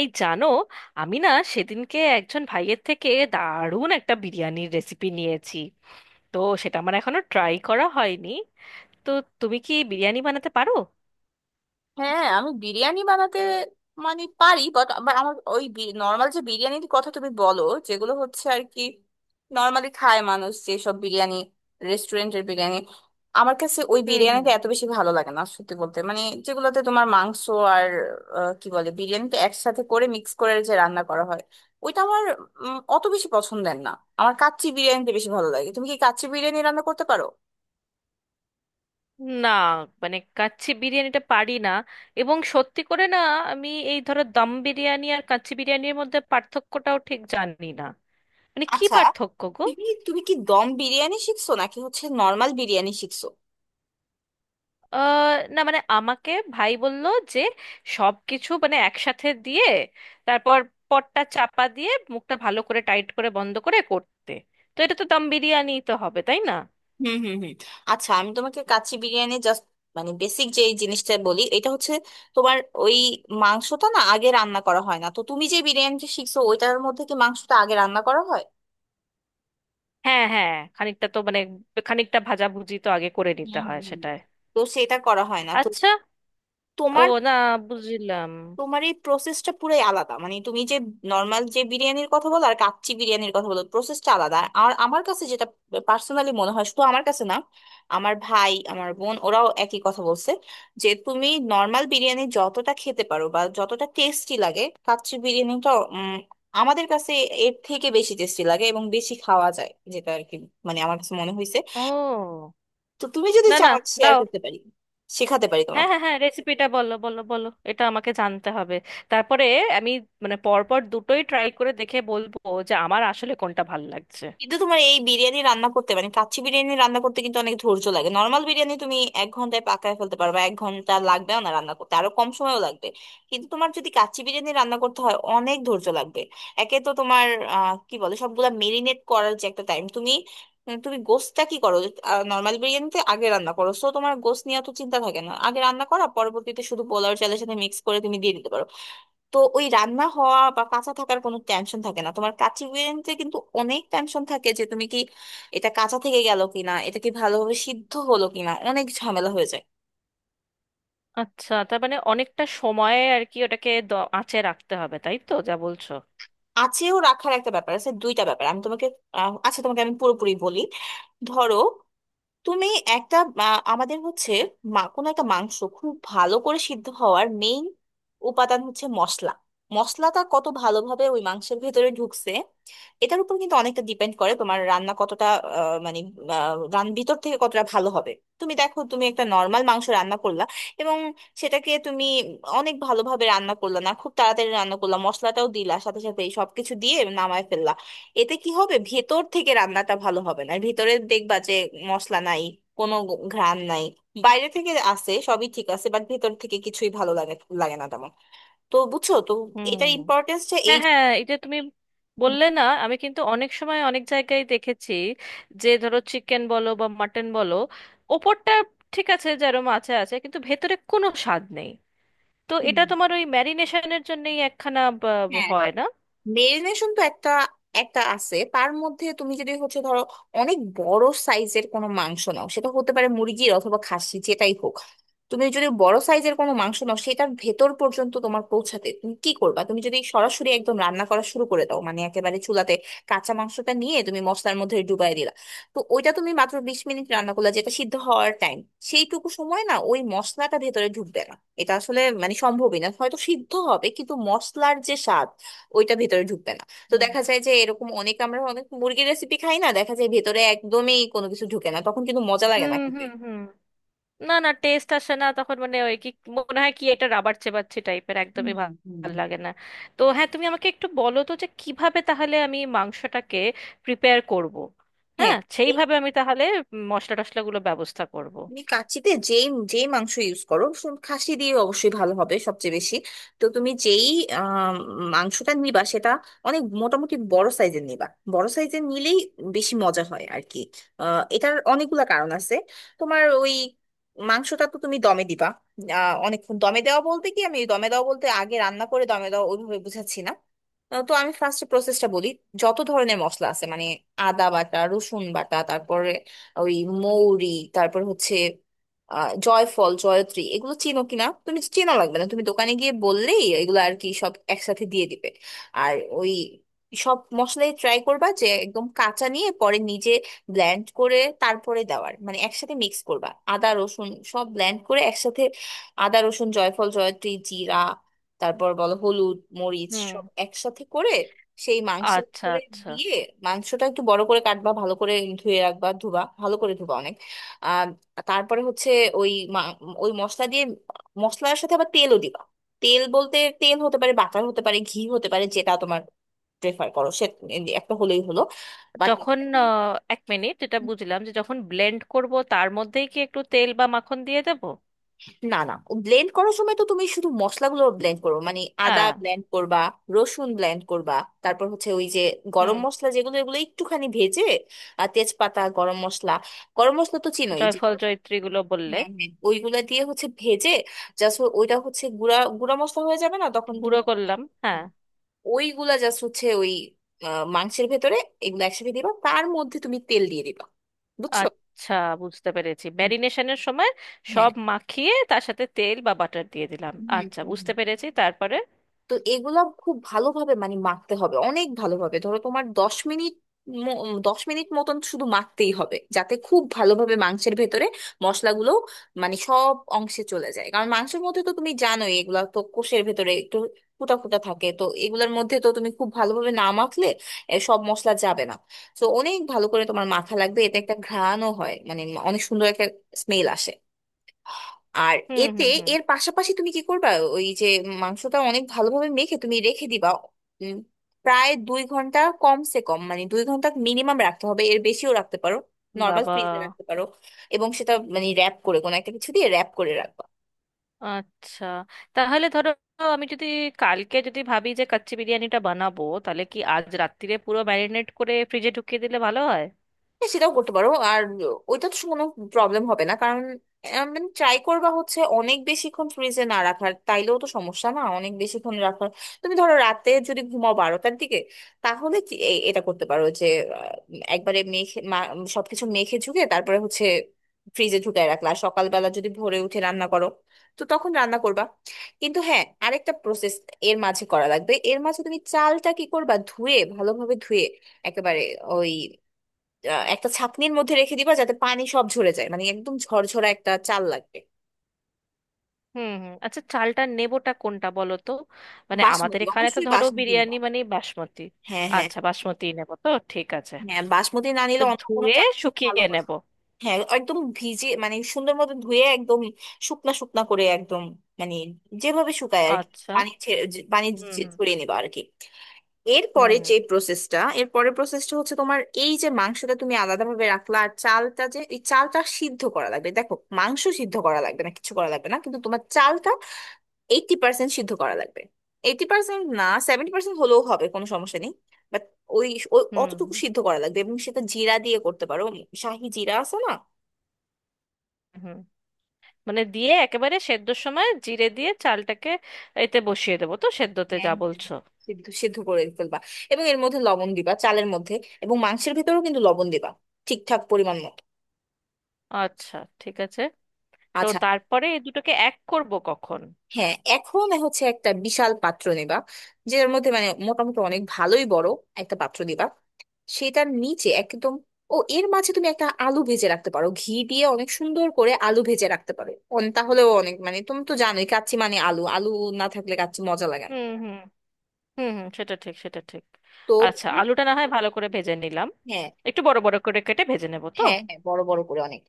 এই জানো, আমি না সেদিনকে একজন ভাইয়ের থেকে দারুণ একটা বিরিয়ানির রেসিপি নিয়েছি। তো সেটা আমার এখনো ট্রাই করা হয়নি। তো তুমি কি বিরিয়ানি বানাতে পারো? হ্যাঁ, আমি বিরিয়ানি বানাতে মানে পারি, বাট আমার ওই নর্মাল যে বিরিয়ানির কথা তুমি বলো, যেগুলো হচ্ছে আর কি নর্মালি খায় মানুষ, যেসব বিরিয়ানি রেস্টুরেন্টের বিরিয়ানি, আমার কাছে ওই হুম হুম। বিরিয়ানিটা এত বেশি ভালো লাগে না সত্যি বলতে, মানে যেগুলোতে তোমার মাংস আর কি বলে বিরিয়ানিটা একসাথে করে মিক্স করে যে রান্না করা হয়, ওইটা আমার অত বেশি পছন্দের না। আমার কাচ্চি বিরিয়ানিটা বেশি ভালো লাগে। তুমি কি কাচ্চি বিরিয়ানি রান্না করতে পারো? না, মানে কাচ্চি বিরিয়ানিটা পারি না এবং সত্যি করে না। আমি এই ধরো দম বিরিয়ানি আর কাচ্চি বিরিয়ানির মধ্যে পার্থক্যটাও ঠিক জানি না। মানে কি আচ্ছা, পার্থক্য গো? তুমি তুমি কি দম বিরিয়ানি শিখছো নাকি হচ্ছে নর্মাল বিরিয়ানি শিখছো? না মানে আমাকে ভাই বলল যে সব কিছু মানে একসাথে দিয়ে তারপর পটটা চাপা দিয়ে মুখটা ভালো করে টাইট করে বন্ধ করে করতে। তো এটা তো দম বিরিয়ানি তো হবে, তাই না? হুম হুম হুম। আচ্ছা, আমি তোমাকে কাচ্চি বিরিয়ানি জাস্ট মানে বেসিক যে এই জিনিসটা বলি, এটা হচ্ছে তোমার ওই মাংসটা না আগে রান্না করা হয় না। তো তুমি যে বিরিয়ানিটা শিখছো ওইটার মধ্যে কি মাংসটা আগে রান্না করা হয়? হ্যাঁ হ্যাঁ, খানিকটা তো মানে খানিকটা ভাজাভুজি তো আগে করে নিতে হুম হয় হুম হুম। সেটায়। তো সেটা করা হয় না তো। আচ্ছা, ও তোমার না, বুঝলাম। তোমার এই প্রসেসটা পুরাই আলাদা। মানে তুমি যে নর্মাল যে বিরিয়ানির কথা বলো আর কাচ্চি বিরিয়ানির কথা বলো, প্রসেসটা আলাদা। আর আমার কাছে যেটা পার্সোনালি মনে হয়, শুধু আমার কাছে না, আমার ভাই আমার বোন ওরাও একই কথা বলছে যে তুমি নর্মাল বিরিয়ানি যতটা খেতে পারো বা যতটা টেস্টি লাগে, কাচ্চি বিরিয়ানিটা আমাদের কাছে এর থেকে বেশি টেস্টি লাগে এবং বেশি খাওয়া যায় যেটা আর কি। মানে আমার কাছে মনে হয়েছে। ও তো তুমি যদি না না, চাও, শেয়ার দাও। করতে পারি, শেখাতে পারি হ্যাঁ তোমাকে। হ্যাঁ হ্যাঁ, রেসিপিটা বলো বলো বলো, এটা আমাকে জানতে হবে। তারপরে আমি মানে পরপর দুটোই ট্রাই করে দেখে বলবো যে আমার আসলে কোনটা ভাল লাগছে। কিন্তু তোমার এই বিরিয়ানি রান্না করতে মানে কাচ্চি বিরিয়ানি রান্না করতে কিন্তু অনেক ধৈর্য লাগে। নর্মাল বিরিয়ানি তুমি 1 ঘন্টায় পাকায় ফেলতে পারবে, 1 ঘন্টা লাগবেও না, রান্না করতে আরো কম সময়ও লাগবে। কিন্তু তোমার যদি কাচ্চি বিরিয়ানি রান্না করতে হয় অনেক ধৈর্য লাগবে। একে তো তোমার কি বলে সবগুলা মেরিনেট করার যে একটা টাইম, তুমি তুমি গোশটা কি করো? নর্মাল বিরিয়ানিতে আগে রান্না করো, সো তোমার গোশ নিয়ে তো চিন্তা থাকে না, আগে রান্না করা, পরবর্তীতে শুধু পোলাও চালের সাথে মিক্স করে তুমি দিয়ে দিতে পারো। তো ওই রান্না হওয়া বা কাঁচা থাকার কোনো টেনশন থাকে না। তোমার কাচ্চি বিরিয়ানিতে কিন্তু অনেক টেনশন থাকে যে তুমি কি এটা কাঁচা থেকে গেল কিনা, এটা কি ভালোভাবে সিদ্ধ হলো কিনা, অনেক ঝামেলা হয়ে যায়। আচ্ছা, তার মানে অনেকটা সময়ে আর কি ওটাকে আঁচে রাখতে হবে, তাই তো যা বলছো? আছেও রাখার একটা ব্যাপার আছে। দুইটা ব্যাপার আমি তোমাকে আচ্ছা, তোমাকে আমি পুরোপুরি বলি। ধরো, তুমি একটা আমাদের হচ্ছে কোনো একটা মাংস খুব ভালো করে সিদ্ধ হওয়ার মেইন উপাদান হচ্ছে মশলা। মশলাটা কত ভালোভাবে ওই মাংসের ভেতরে ঢুকছে এটার উপর কিন্তু অনেকটা ডিপেন্ড করে তোমার রান্না কতটা মানে রান ভিতর থেকে কতটা ভালো হবে। তুমি দেখো, তুমি একটা নর্মাল মাংস রান্না করলা এবং সেটাকে তুমি অনেক ভালোভাবে রান্না করলা না, খুব তাড়াতাড়ি রান্না করলা, মশলাটাও দিলা সাথে সাথে, এই সবকিছু দিয়ে নামায় ফেললা। এতে কি হবে, ভেতর থেকে রান্নাটা ভালো হবে না, ভেতরে দেখবা যে মশলা নাই, কোনো ঘ্রাণ নাই, বাইরে থেকে আসে সবই ঠিক আছে বাট ভেতর থেকে কিছুই ভালো লাগে লাগে না তেমন। তো বুঝছো তো হুম, এটার ইম্পর্টেন্সটা এই। হ্যাঁ হ্যাঁ, এটা তুমি বললে না, আমি কিন্তু অনেক সময় অনেক জায়গায় দেখেছি যে ধরো চিকেন বলো বা মাটন বলো, ওপরটা ঠিক আছে যেরকম আছে আছে, কিন্তু ভেতরে কোনো স্বাদ নেই। তো এটা হুম, তোমার ওই ম্যারিনেশনের জন্যই একখানা হ্যাঁ। হয় না? মেরিনেশন তো একটা একটা আছে। তার মধ্যে তুমি যদি হচ্ছে ধরো অনেক বড় সাইজের কোনো মাংস নাও, সেটা হতে পারে মুরগির অথবা খাসি, যেটাই হোক, তুমি যদি বড় সাইজের কোনো মাংস নাও সেটার ভেতর পর্যন্ত তোমার পৌঁছাতে তুমি কি করবা, তুমি যদি সরাসরি একদম রান্না করা শুরু করে দাও মানে একেবারে চুলাতে কাঁচা মাংসটা নিয়ে তুমি মশলার মধ্যে ডুবাই দিলা, তো ওইটা তুমি মাত্র 20 মিনিট রান্না করলা, যেটা সিদ্ধ হওয়ার টাইম, সেইটুকু সময় না ওই মশলাটা ভেতরে ঢুকবে না। এটা আসলে মানে সম্ভবই না, হয়তো সিদ্ধ হবে কিন্তু মশলার যে স্বাদ ওইটা ভেতরে ঢুকবে না। তো হুম দেখা যায় যে এরকম অনেক, আমরা অনেক মুরগির রেসিপি খাই না, দেখা যায় ভেতরে একদমই কোনো কিছু ঢুকে না, তখন কিন্তু মজা লাগে না হুম খেতে। হুম হুম, না না, টেস্ট আসে না তখন। মানে ওই কি মনে হয় কি এটা রাবার চেবাচ্ছে টাইপের, হুম একদমই ভাল হুম। লাগে না। তো হ্যাঁ, তুমি আমাকে একটু বলো তো যে কিভাবে তাহলে আমি মাংসটাকে প্রিপেয়ার করব। হ্যাঁ, হ্যাঁ সেইভাবে আমি তাহলে মশলা টশলাগুলো ব্যবস্থা করব। তুমি কাচ্চিতে যেই যেই মাংস ইউজ করো, খাসি দিয়ে অবশ্যই ভালো হবে সবচেয়ে বেশি। তো তুমি যেই আম, মাংসটা নিবা সেটা অনেক মোটামুটি বড় সাইজের নিবা। বড় সাইজের নিলেই বেশি মজা হয় আর কি। এটার অনেকগুলা কারণ আছে। তোমার ওই মাংসটা তো তুমি দমে দিবা। অনেকক্ষণ দমে দেওয়া বলতে কি, আমি দমে দেওয়া বলতে আগে রান্না করে দমে দেওয়া ওইভাবে বুঝাচ্ছি না। তো আমি ফার্স্ট প্রসেসটা বলি। যত ধরনের মশলা আছে মানে আদা বাটা, রসুন বাটা, তারপরে ওই মৌরি, তারপর হচ্ছে জয়ফল জয়ত্রী, এগুলো চিনো কিনা, তুমি চেনা লাগবে না, তুমি দোকানে গিয়ে বললেই এগুলো আর কি সব একসাথে দিয়ে দিবে। আর ওই সব মশলাই ট্রাই করবা যে একদম কাঁচা নিয়ে পরে নিজে ব্লেন্ড করে তারপরে দেওয়ার মানে একসাথে মিক্স করবা। আদা রসুন সব ব্লেন্ড করে একসাথে, আদা রসুন জয়ফল জয়ত্রী জিরা, তারপর বলো হলুদ মরিচ, হুম, সব একসাথে করে সেই মাংসের আচ্ছা করে আচ্ছা। দিয়ে মাংসটা একটু বড় করে কাটবা, ভালো করে ধুয়ে রাখবা, ধুবা ভালো করে, ধুবা অনেক। আর তারপরে হচ্ছে ওই মা- ওই মশলা দিয়ে মশলার সাথে আবার তেলও দিবা। তেল বলতে তেল হতে পারে, বাটার হতে পারে, ঘি হতে পারে, যেটা তোমার প্রেফার করো সে একটা হলেই হলো। বাট যখন এক মিনিট, এটা বুঝলাম যে যখন ব্লেন্ড করব তার মধ্যেই কি একটু তেল বা মাখন দিয়ে দেবো? না না, ব্লেন্ড করার সময় তো তুমি শুধু মশলাগুলো ব্লেন্ড করবে, মানে আদা হ্যাঁ, ব্লেন্ড করবা, রসুন ব্লেন্ড করবা। তারপর হচ্ছে ওই যে গরম হুম, মশলা যেগুলো, এগুলো একটুখানি ভেজে আর তেজপাতা গরম মশলা, গরম মশলা তো চিনোই যে। জয়ফল জয়ত্রীগুলো বললে। হ্যাঁ হ্যাঁ ওইগুলা দিয়ে হচ্ছে ভেজে, জাস্ট ওইটা হচ্ছে গুঁড়া গুঁড়া মশলা হয়ে যাবে না, তখন তুমি গুঁড়ো হ্যাঁ, করলাম, হ্যাঁ। ওইগুলা জাস্ট হচ্ছে ওই মাংসের ভেতরে এগুলো একসাথে দিবা, তার মধ্যে তুমি তেল দিয়ে দিবা। বুঝছো? আচ্ছা, বুঝতে পেরেছি, হুম। ম্যারিনেশনের সময় হ্যাঁ। সব মাখিয়ে তার সাথে তেল বা বাটার দিয়ে দিলাম। হুম, হুম, আচ্ছা, হুম। বুঝতে পেরেছি, তারপরে? তো এগুলো খুব ভালোভাবে মানে মাখতে হবে, অনেক ভালোভাবে, ধরো তোমার 10 মিনিট, 10 মিনিট মতন শুধু মাখতেই হবে যাতে খুব ভালোভাবে মাংসের ভেতরে মশলাগুলো মানে সব অংশে চলে যায়, কারণ মাংসের মধ্যে তো তুমি জানোই এগুলা তো কোষের ভেতরে একটু ফুটা ফুটা থাকে, তো এগুলোর মধ্যে তো তুমি খুব ভালোভাবে না মাখলে সব মশলা যাবে না। তো অনেক ভালো করে তোমার মাখা লাগবে। এতে একটা ঘ্রাণও হয় মানে অনেক সুন্দর একটা স্মেল আসে। আর হুম এতে হুম হুম, এর পাশাপাশি তুমি কি করবা, ওই যে মাংসটা অনেক ভালোভাবে মেখে তুমি রেখে দিবা উম, প্রায় 2 ঘন্টা, কমসে কম মানে 2 ঘন্টা মিনিমাম রাখতে হবে, এর বেশিও রাখতে পারো। নর্মাল বাবা। ফ্রিজে রাখতে পারো, এবং সেটা মানে র্যাপ করে, কোনো একটা কিছু দিয়ে র্যাপ করে রাখবে। আচ্ছা তাহলে ধরো, আমি যদি কালকে যদি ভাবি যে কাচ্চি বিরিয়ানিটা বানাবো, তাহলে কি আজ রাত্তিরে পুরো ম্যারিনেট করে ফ্রিজে ঢুকিয়ে দিলে ভালো হয়? হ্যাঁ, সেটাও করতে পারো। আর ওইটা তো কোনো প্রবলেম হবে না কারণ মানে ট্রাই করবা হচ্ছে অনেক বেশিক্ষণ ফ্রিজে না রাখার, তাইলেও তো সমস্যা না অনেক বেশিক্ষণ রাখার। তুমি ধরো রাতে যদি ঘুমাও 12টার দিকে, তাহলে এটা করতে পারো যে আহ, একবারে মেখে সবকিছু মেখে ঝুঁকে তারপরে হচ্ছে ফ্রিজে ঢুকায় রাখলা, আর সকালবেলা যদি ভোরে উঠে রান্না করো তো তখন রান্না করবা। কিন্তু হ্যাঁ, আরেকটা প্রসেস এর মাঝে করা লাগবে। এর মাঝে তুমি চালটা কি করবা, ধুয়ে ভালোভাবে ধুয়ে একেবারে ওই একটা ছাঁকনির মধ্যে রেখে দিবা যাতে পানি সব ঝরে যায়, মানে একদম ঝরঝরা একটা চাল লাগবে। হুম হুম, আচ্ছা, চালটা নেবোটা কোনটা বলো তো? মানে আমাদের বাসমতি, এখানে তো অবশ্যই ধরো বাসমতি বিরিয়ানি নিবা। মানে বাসমতি। হ্যাঁ হ্যাঁ আচ্ছা বাসমতি নেব, তো ঠিক আছে, হ্যাঁ বাসমতি না তো নিলে অন্য কোনো ধুয়ে চাল ভালো শুকিয়ে না। নেব। হ্যাঁ, একদম ভিজে মানে সুন্দর মতো ধুয়ে একদম শুকনা শুকনা করে একদম, মানে যেভাবে শুকায় আর কি, আচ্ছা, পানি হুম হুম ছড়িয়ে নিবা আর কি। এরপরে হুম, যে প্রসেসটা, এরপরে প্রসেসটা হচ্ছে তোমার এই যে মাংসটা তুমি আলাদাভাবে রাখলা, আর চালটা যে, এই চালটা সিদ্ধ করা লাগবে। দেখো, মাংস সিদ্ধ করা লাগবে না, কিছু করা লাগবে না, কিন্তু তোমার চালটা 80% সিদ্ধ করা লাগবে। 80% না, 70% হলেও হবে, কোনো সমস্যা নেই। বাট ওই ওই হুম অতটুকু হুম সিদ্ধ করা লাগবে, এবং সেটা জিরা দিয়ে করতে পারো। শাহি জিরা আছে না? হুম। মানে দিয়ে একেবারে সেদ্ধর সময় জিরে দিয়ে চালটাকে এতে বসিয়ে দেবো, তো সেদ্ধতে হ্যাঁ যা হ্যাঁ, বলছো? সিদ্ধ সিদ্ধ করে ফেলবা। এবং এর মধ্যে লবণ দিবা চালের মধ্যে, এবং মাংসের ভেতরেও কিন্তু লবণ দিবা ঠিকঠাক পরিমাণ মতো। আচ্ছা, ঠিক আছে, তো আচ্ছা। তারপরে এই দুটোকে এক করব কখন? হ্যাঁ, এখন হচ্ছে একটা বিশাল পাত্র নেবা, যেটার মধ্যে মানে মোটামুটি অনেক ভালোই বড় একটা পাত্র দিবা। সেটার নিচে একদম ও, এর মাঝে তুমি একটা আলু ভেজে রাখতে পারো ঘি দিয়ে, অনেক সুন্দর করে আলু ভেজে রাখতে পারো। তাহলেও অনেক, মানে তুমি তো জানোই কাচ্চি মানে আলু, আলু না থাকলে কাচ্চি মজা লাগে না। হুম হুম হুম, হুম সেটা ঠিক, সেটা ঠিক। তো আচ্ছা, তুমি আলুটা না হয় ভালো করে ভেজে নিলাম, হ্যাঁ একটু বড় বড় করে কেটে ভেজে নেব তো? হ্যাঁ হ্যাঁ বড় বড় করে অনেক,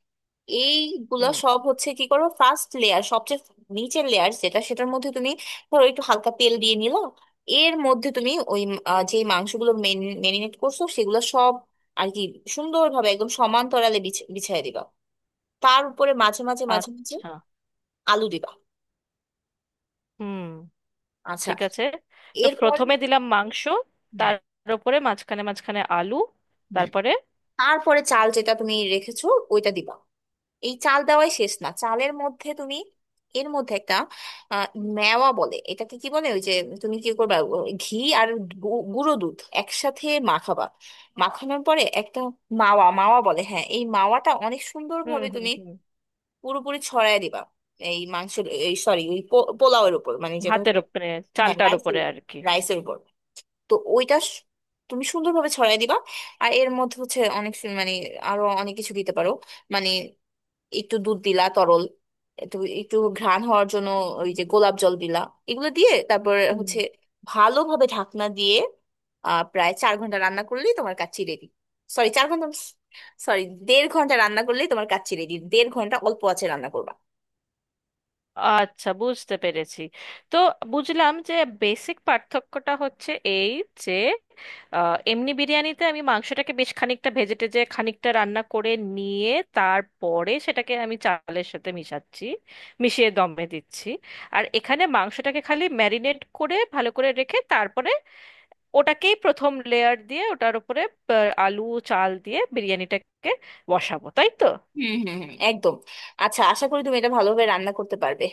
এইগুলো হুম, সব হচ্ছে কি করো ফার্স্ট লেয়ার, সবচেয়ে নিচের লেয়ার যেটা, সেটার মধ্যে তুমি ধরো একটু হালকা তেল দিয়ে নিলো। এর মধ্যে তুমি ওই যে মাংসগুলো মেরিনেট করছো সেগুলো সব আর কি সুন্দরভাবে একদম সমান্তরালে বিছিয়ে দিবা। তার উপরে মাঝে মাঝে আচ্ছা, আলু দিবা। হুম, আচ্ছা। ঠিক আছে, তো এরপরে প্রথমে দিলাম মাংস, হ্যাঁ। তার উপরে মাঝখানে মাঝখানে আলু, হুম। তারপরে? তারপরে চাল যেটা তুমি রেখেছো ওইটা দিবা। এই চাল দেওয়াই শেষ না, চালের মধ্যে তুমি এর মধ্যে একটা আহ, মেওয়া বলে এটাকে, কি বলে ওই যে, তুমি কি করবা, ও, ঘি আর গুঁড়ো দুধ একসাথে মাখাবা। মাখানোর পরে একটা মাওয়া, মাওয়া বলে হ্যাঁ, এই মাওয়াটা অনেক হুম সুন্দরভাবে হুম তুমি হুম, পুরোপুরি ছড়ায় দিবা এই মাংসের, এই সরি ওই পোলাওয়ের উপর, মানে যেটা ভাতের হচ্ছে উপরে, হ্যাঁ চালটার রাইসের উপরে উপর, আর কি। রাইসের উপর। তো ওইটা তুমি সুন্দরভাবে ছড়াই দিবা। আর এর মধ্যে হচ্ছে অনেক মানে আরো অনেক কিছু দিতে পারো, মানে একটু দুধ দিলা তরল, একটু একটু ঘ্রাণ হওয়ার জন্য ওই যে গোলাপ জল দিলা, এগুলো দিয়ে তারপর হুম, হচ্ছে ভালোভাবে ঢাকনা দিয়ে প্রায় 4 ঘন্টা রান্না করলেই তোমার কাচ্চি রেডি। সরি, 4 ঘন্টা, সরি, দেড় ঘন্টা রান্না করলেই তোমার কাচ্চি রেডি। দেড় ঘন্টা অল্প আছে রান্না করবা। আচ্ছা, বুঝতে পেরেছি, তো বুঝলাম যে বেসিক পার্থক্যটা হচ্ছে এই, যে এমনি বিরিয়ানিতে আমি মাংসটাকে বেশ খানিকটা ভেজে টেজে খানিকটা রান্না করে নিয়ে তারপরে সেটাকে আমি চালের সাথে মিশাচ্ছি, মিশিয়ে দমে দিচ্ছি। আর এখানে মাংসটাকে খালি ম্যারিনেট করে ভালো করে রেখে তারপরে ওটাকেই প্রথম লেয়ার দিয়ে ওটার উপরে আলু, চাল দিয়ে বিরিয়ানিটাকে বসাবো, তাই তো? হুম হুম হুম, একদম। আচ্ছা, আশা করি তুমি এটা ভালোভাবে রান্না করতে পারবে।